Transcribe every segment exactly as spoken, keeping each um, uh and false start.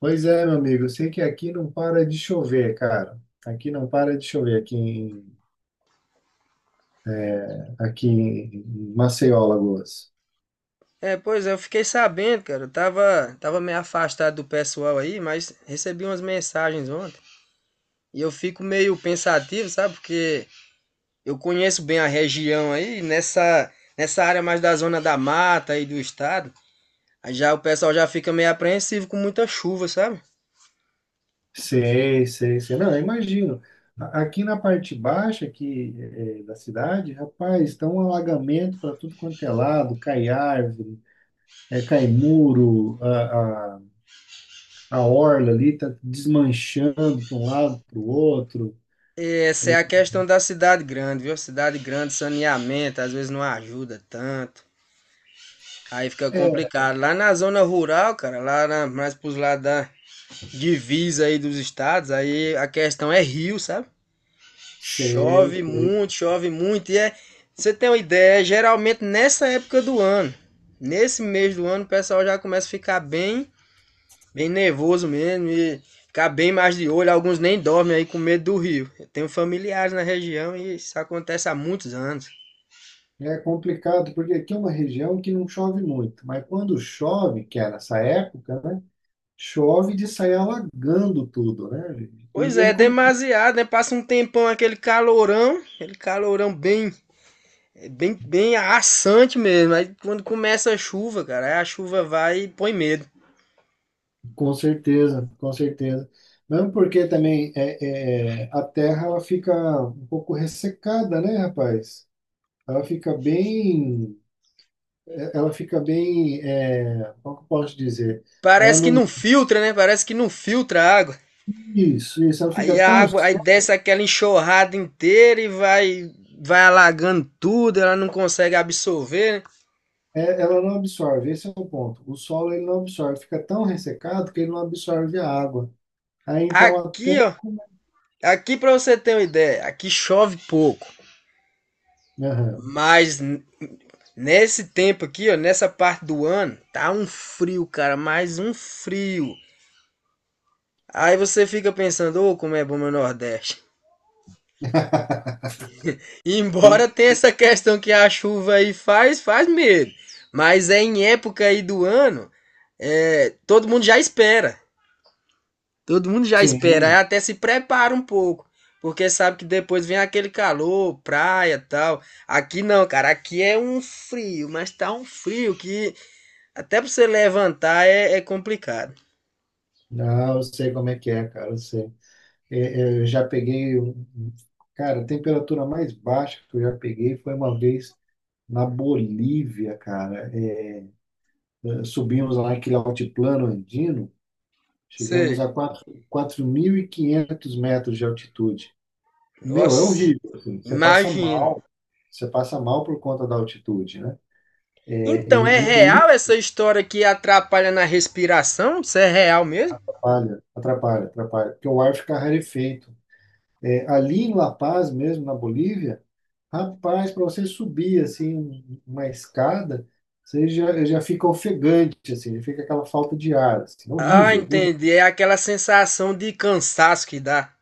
Pois é, meu amigo, eu sei que aqui não para de chover, cara. Aqui não para de chover, aqui em, é, aqui em Maceió, Alagoas. É, pois é, eu fiquei sabendo, cara. Eu tava, tava meio afastado do pessoal aí, mas recebi umas mensagens ontem. E eu fico meio pensativo, sabe? Porque eu conheço bem a região aí, nessa, nessa área mais da zona da mata aí do estado. Aí já o pessoal já fica meio apreensivo com muita chuva, sabe? Sei, sei, sei. Não, eu imagino. A- Aqui na parte baixa aqui, é, é, da cidade, rapaz, está um alagamento para tudo quanto é lado, cai árvore, é, cai muro, a, a, a orla ali está desmanchando para um lado, para o outro. E essa é a questão da cidade grande, viu? Cidade grande, saneamento, às vezes não ajuda tanto. Aí fica É, complicado. Lá na zona rural, cara, lá na, mais pros lados da, divisa aí dos estados, aí a questão é rio, sabe? sei, Chove sei. muito, chove muito. E é, você tem uma ideia, é geralmente nessa época do ano, nesse mês do ano, o pessoal já começa a ficar bem, bem nervoso mesmo e ficar bem mais de olho. Alguns nem dormem aí com medo do rio. Eu tenho familiares na região e isso acontece há muitos anos. É complicado, porque aqui é uma região que não chove muito, mas quando chove, que é nessa época, né? Chove de sair alagando tudo, né, gente? Pois E é, é é com, demasiado, né? Passa um tempão aquele calorão, aquele calorão bem. É bem, bem assante mesmo. Aí quando começa a chuva, cara, aí a chuva vai e põe medo. com certeza, com certeza. Mesmo porque também é, é, a terra ela fica um pouco ressecada, né, rapaz? Ela fica bem, ela fica bem, é, como que eu posso dizer? Ela Parece que não, não filtra, né? Parece que não filtra a água. isso, isso, ela Aí fica a tão. água, aí desce aquela enxurrada inteira e vai vai alagando tudo, ela não consegue absorver, né? É, ela não absorve, esse é o ponto. O solo ele não absorve, fica tão ressecado que ele não absorve a água. Aí então até. Aqui, ó, como- aqui para você ter uma ideia, aqui chove pouco, Aham. mas n- nesse tempo aqui, ó, nessa parte do ano, tá um frio, cara, mais um frio. Aí você fica pensando, ô, como é bom meu Nordeste. E De- Embora tenha de- essa questão que a chuva aí faz, faz medo. Mas é em época aí do ano, é, todo mundo já espera. Todo mundo já espera, aí Sim, até se prepara um pouco. Porque sabe que depois vem aquele calor, praia e tal. Aqui não, cara, aqui é um frio, mas tá um frio que até pra você levantar é, é complicado. não, eu sei como é que é, cara, eu sei. É, é, eu já peguei, um- um- cara, a temperatura mais baixa que eu já peguei foi uma vez na Bolívia, cara. É, subimos lá aquele altiplano andino, chegamos Sei. a quatro, quatro mil e quinhentos metros de altitude. Meu, é Nossa, horrível, assim. Você passa imagino. mal, você passa mal por conta da altitude, né? É, Então, é E, e aí real essa história que atrapalha na respiração? Isso é real mesmo? atrapalha, atrapalha, atrapalha, porque o ar fica rarefeito. É, ali em La Paz mesmo, na Bolívia, rapaz, para você subir assim um- uma escada, você já, já fica ofegante, assim, já fica aquela falta de ar, assim, Ah, horrível, horrível. entendi. É aquela sensação de cansaço que dá.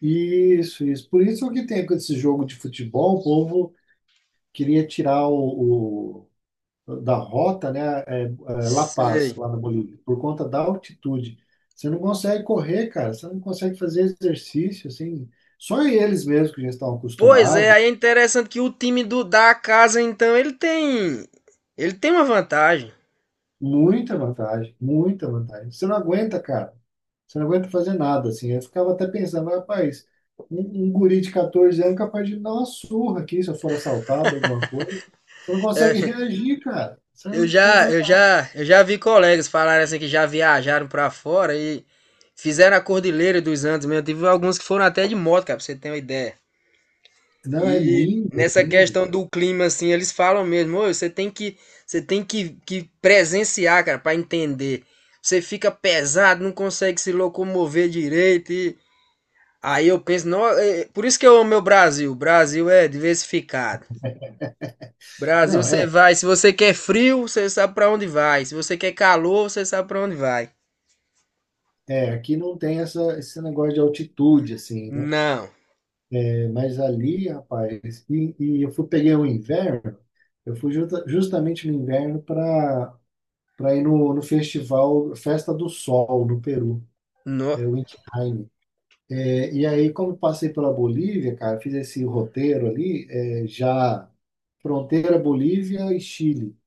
Isso, isso. Por isso que tem com esse jogo de futebol, o povo queria tirar o, da rota, né, é, é, La Paz, Sei. lá na Bolívia, por conta da altitude. Você não consegue correr, cara, você não consegue fazer exercício, assim. Só eles mesmos que já estão Pois é, acostumados, aí é interessante que o time do da casa, então, ele tem ele tem uma vantagem. muita vantagem, muita vantagem. Você não aguenta, cara. Você não aguenta fazer nada, assim. Eu ficava até pensando, mas, rapaz, um, um guri de catorze anos é capaz de me dar uma surra aqui se eu for assaltado, alguma coisa. Você não consegue reagir, cara. Você Eu não, você não já, vai. eu já, eu já vi colegas falarem assim que já viajaram pra fora e fizeram a Cordilheira dos Andes mesmo. Tive alguns que foram até de moto, cara, pra você ter uma ideia. Não, é E lindo, é nessa lindo, questão cara. do clima, assim, eles falam mesmo: "Ô, você tem que, você tem que, que presenciar, cara, pra entender. Você fica pesado, não consegue se locomover direito." E aí eu penso, não, é por isso que eu amo o Brasil. O Brasil é diversificado. Brasil, Não, você é. vai, se você quer frio, você sabe pra onde vai. Se você quer calor, você sabe pra onde vai. É, aqui não tem essa, esse negócio de altitude, assim, né? Não, É, mas ali, rapaz, e, e eu fui, peguei o inverno, eu fui justa- justamente no inverno para para ir no, no festival Festa do Sol, no Peru, não. é o Intiheim. É, e aí, como passei pela Bolívia, cara, fiz esse roteiro ali, é, já fronteira Bolívia e Chile.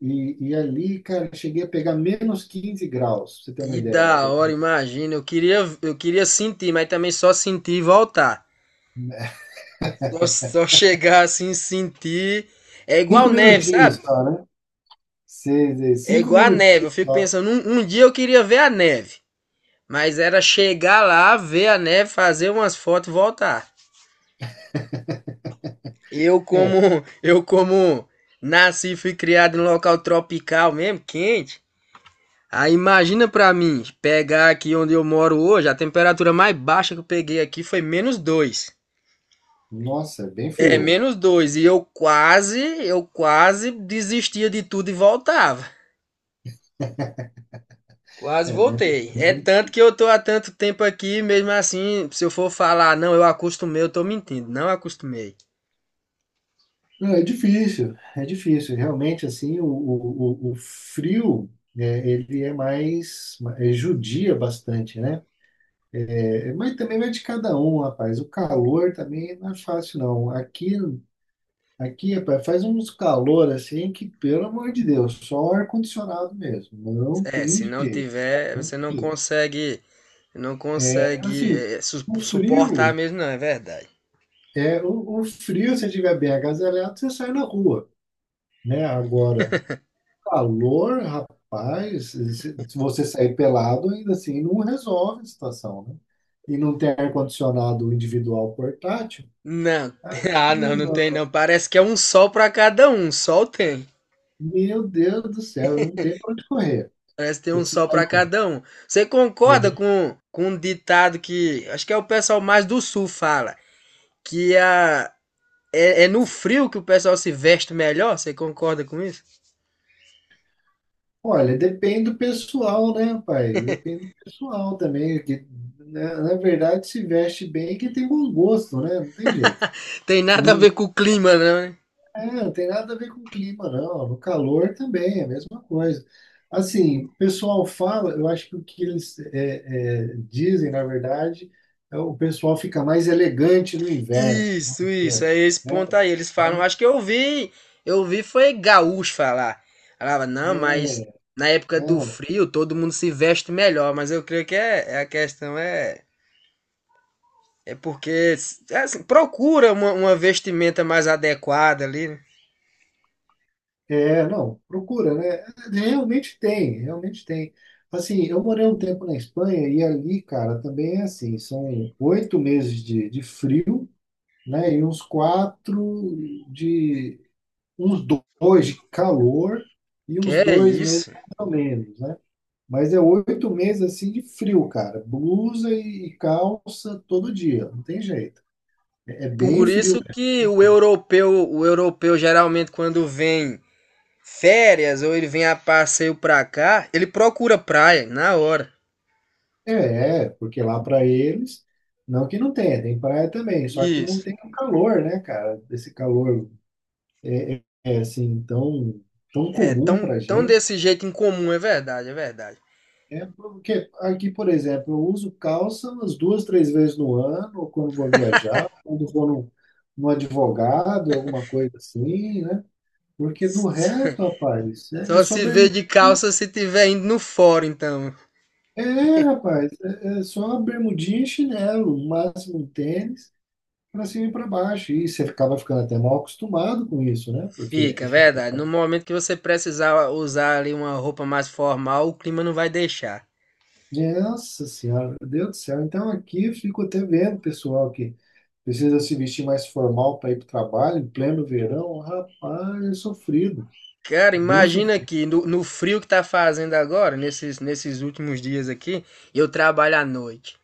E, e ali, cara, cheguei a pegar menos quinze graus, pra você ter uma Que ideia. da hora, imagina. Eu queria, eu queria sentir, mas também só sentir e voltar. Só, só chegar assim, sentir. É igual Cinco neve, minutinhos sabe? só, né? Seis, seis, É cinco igual a neve. Eu minutinhos fico só. pensando, um, um dia eu queria ver a neve. Mas era chegar lá, ver a neve, fazer umas fotos e voltar. Eu É, como, eu como nasci e fui criado em local tropical mesmo, quente. Aí imagina pra mim, pegar aqui onde eu moro hoje, a temperatura mais baixa que eu peguei aqui foi menos dois. nossa, é bem É, frio. menos dois. E eu quase, eu quase desistia de tudo e voltava. Quase É mesmo. É voltei. É bem- tanto que eu tô há tanto tempo aqui, mesmo assim, se eu for falar, não, eu acostumei, eu tô mentindo. Não acostumei. Não, é difícil, é difícil. Realmente, assim, o, o, o o frio, né, ele é mais, é, judia bastante, né? É, mas também vai de cada um, rapaz. O calor também não é fácil, não. Aqui, aqui, rapaz, faz uns calor, assim, que, pelo amor de Deus, só ar-condicionado mesmo. Não É, se tem não jeito. tiver, Não você não tem. consegue, não consegue Assim, é, su- o suportar frio. mesmo, não, é verdade. É, o, o frio, se tiver bem agasalhado, você sai na rua, né? Agora, calor, rapaz, se se você sair pelado, ainda assim, não resolve a situação, né? E não tem ar-condicionado individual portátil, Não, ah, aí, não, não tem mano, não. Parece que é um sol pra cada um. um Sol tem. meu Deus do céu, não tem pra onde correr. Parece que tem Você um precisa sol sair na. pra cada um. Você concorda É, com, com um ditado que acho que é o pessoal mais do sul fala, que a é, é no frio que o pessoal se veste melhor, você concorda com isso? olha, depende do pessoal, né, pai? Depende do pessoal também, que, né, na verdade, se veste bem que tem bom gosto, né? Não tem jeito. Tem nada a ver com o clima, não, né? É, não tem nada a ver com o clima, não. No calor também é a mesma coisa. Assim, o pessoal fala, eu acho que o que eles é, é, dizem, na verdade, é o pessoal fica mais elegante no inverno, Isso, vamos dizer, isso, é assim, esse né? ponto aí. Eles falam, Mas acho que eu vi, eu vi foi gaúcho falar. Falava, não, mas é, na época do não, frio todo mundo se veste melhor, mas eu creio que é, é a questão é, é porque é assim, procura uma, uma vestimenta mais adequada ali, né? é, não, procura, né? Realmente tem, realmente tem. Assim, eu morei um tempo na Espanha e ali, cara, também é assim, são oito meses de, de frio, né? E uns quatro uns dois de calor e Que uns é dois meses isso. mais ou menos, né? Mas é oito meses assim de frio, cara. Blusa e e calça todo dia, não tem jeito. É é bem Por frio. isso que o europeu, o europeu geralmente quando vem férias ou ele vem a passeio pra cá, ele procura praia na hora. É, é, porque lá para eles, não que não tenha, tem praia também, só que não Isso. tem o calor, né, cara? Esse calor é, é, é, assim tão, tão É, comum tão, para. tão desse jeito incomum, é verdade, é verdade. É porque aqui, por exemplo, eu uso calça umas duas, três vezes no ano, ou quando vou viajar, ou quando vou num, num advogado, alguma coisa assim, né? Porque do resto, rapaz, é, é Só só se vê bermudinha. de calça se tiver indo no fórum, então. É, rapaz, é, é só bermudinha e chinelo, no máximo um tênis, para cima e para baixo. E você acaba ficando até mal acostumado com isso, né? Porque Fica, é verdade. No momento que você precisar usar ali uma roupa mais formal, o clima não vai deixar. Nossa Senhora, meu Deus do céu. Então aqui eu fico até vendo, pessoal, que precisa se vestir mais formal para ir para o trabalho, em pleno verão. Rapaz, é sofrido. Cara, É bem imagina sofrido. aqui, no, no frio que tá fazendo agora, nesses, nesses últimos dias aqui, eu trabalho à noite.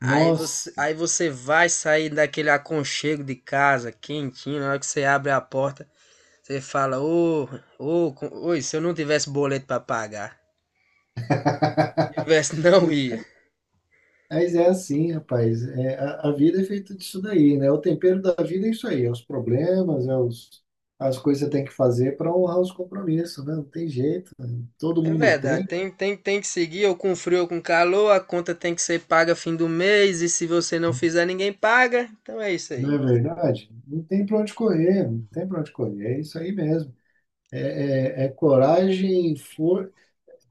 Aí você, Nossa, aí você vai sair daquele aconchego de casa, quentinho, na hora que você abre a porta, você fala, ô, ô, co- oi, se eu não tivesse boleto pra pagar, tivesse, não mas ia. mas é assim, rapaz. É, a, a vida é feita disso daí, né? O tempero da vida é isso aí, é os problemas, é os, as coisas que você tem que fazer para honrar os compromissos, né? Não tem jeito, né? Todo É mundo verdade, tem, tem, tem, tem que seguir, ou com frio ou com calor, a conta tem que ser paga fim do mês, e se você não fizer, ninguém paga, então é isso aí. não é verdade? Não tem para onde correr, não tem para onde correr, é isso aí mesmo. É, é é coragem, for...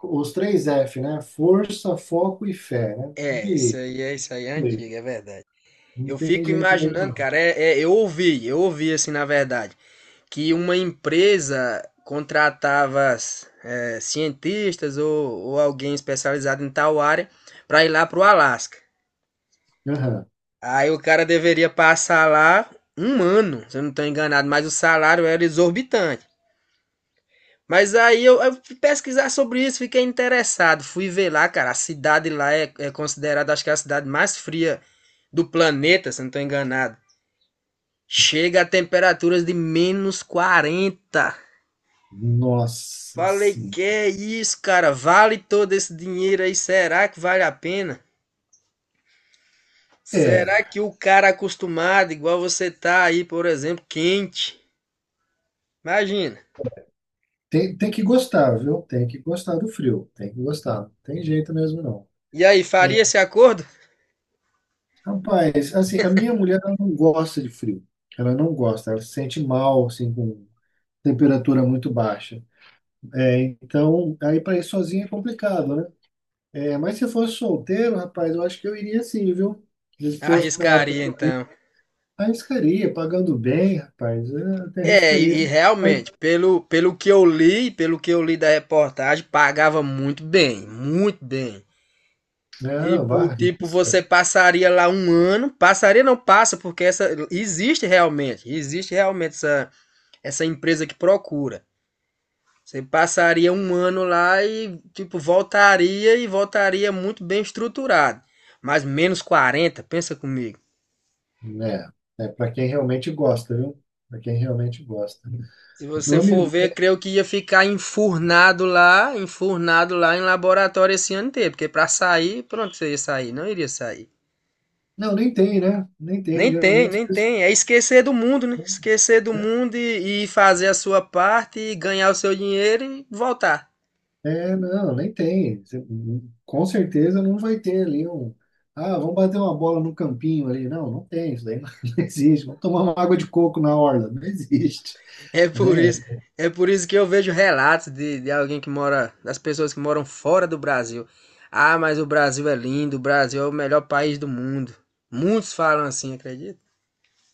os três F, né? Força, foco e fé, né? Tem É, isso que aí, é isso aí, é ir. antigo, é verdade. Não Eu tem fico jeito mesmo, imaginando, não. cara, é, é, eu ouvi, eu ouvi assim, na verdade, que uma empresa contratava eh, cientistas ou, ou alguém especializado em tal área para ir lá para o Alasca. Aham. Aí o cara deveria passar lá um ano, se eu não estou enganado, mas o salário era exorbitante. Mas aí eu, eu fui pesquisar sobre isso, fiquei interessado, fui ver lá, cara, a cidade lá é, é considerada, acho que é a cidade mais fria do planeta, se eu não estou enganado. Chega a temperaturas de menos quarenta. Nossa, Falei, sim. que é isso, cara? Vale todo esse dinheiro aí? Será que vale a pena? É, Será que o cara acostumado, igual você tá aí, por exemplo, quente? Imagina. tem, tem que gostar, viu? Tem que gostar do frio. Tem que gostar. Não tem jeito mesmo, não. E aí, É, faria esse acordo? rapaz, assim, a minha mulher ela não gosta de frio. Ela não gosta. Ela se sente mal, assim, com temperatura muito baixa. É, então, aí para ir sozinha é complicado, né? É, mas se eu fosse solteiro, rapaz, eu acho que eu iria sim, viu? Se fosse na época Arriscaria que eu ia, então. arriscaria, pagando bem, rapaz, eu até É, arriscaria. e, e realmente, pelo, pelo que eu li, pelo que eu li da reportagem, pagava muito bem, muito bem. Não, vá, Tipo, tipo, arrisca, você passaria lá um ano, passaria não passa, porque essa existe realmente, existe realmente essa, essa empresa que procura. Você passaria um ano lá e, tipo, voltaria e voltaria muito bem estruturado. Mas menos quarenta, pensa comigo. né? É para quem realmente gosta, viu? Para quem realmente gosta, né? Se Meu você for amigo, ver, é, creio que ia ficar enfurnado lá, enfurnado lá em laboratório esse ano inteiro. Porque pra sair, pronto, você ia sair, não iria sair. não, nem tem, né? Nem tem, Nem tem, geralmente. nem as pessoas- tem. É esquecer do mundo, né? Esquecer do Né? mundo e, e fazer a sua parte, e ganhar o seu dinheiro e voltar. É, não, nem tem. Você- Com certeza não vai ter ali um. Ah, vamos bater uma bola no campinho ali. Não, não tem, isso daí não, não existe. Vamos tomar uma água de coco na orla. Não existe, É por né? isso, é por isso que eu vejo relatos de, de alguém que mora, das pessoas que moram fora do Brasil. Ah, mas o Brasil é lindo, o Brasil é o melhor país do mundo. Muitos falam assim, acredita?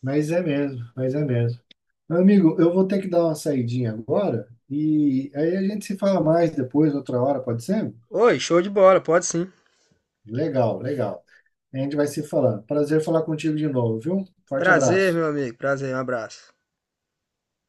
Mas é mesmo, mas é mesmo. Meu amigo, eu vou ter que dar uma saidinha agora e aí a gente se fala mais depois, outra hora, pode ser? Oi, show de bola, pode sim. Legal, legal. A gente vai se falando. Prazer falar contigo de novo, viu? Forte Prazer, abraço. meu amigo, prazer, um abraço.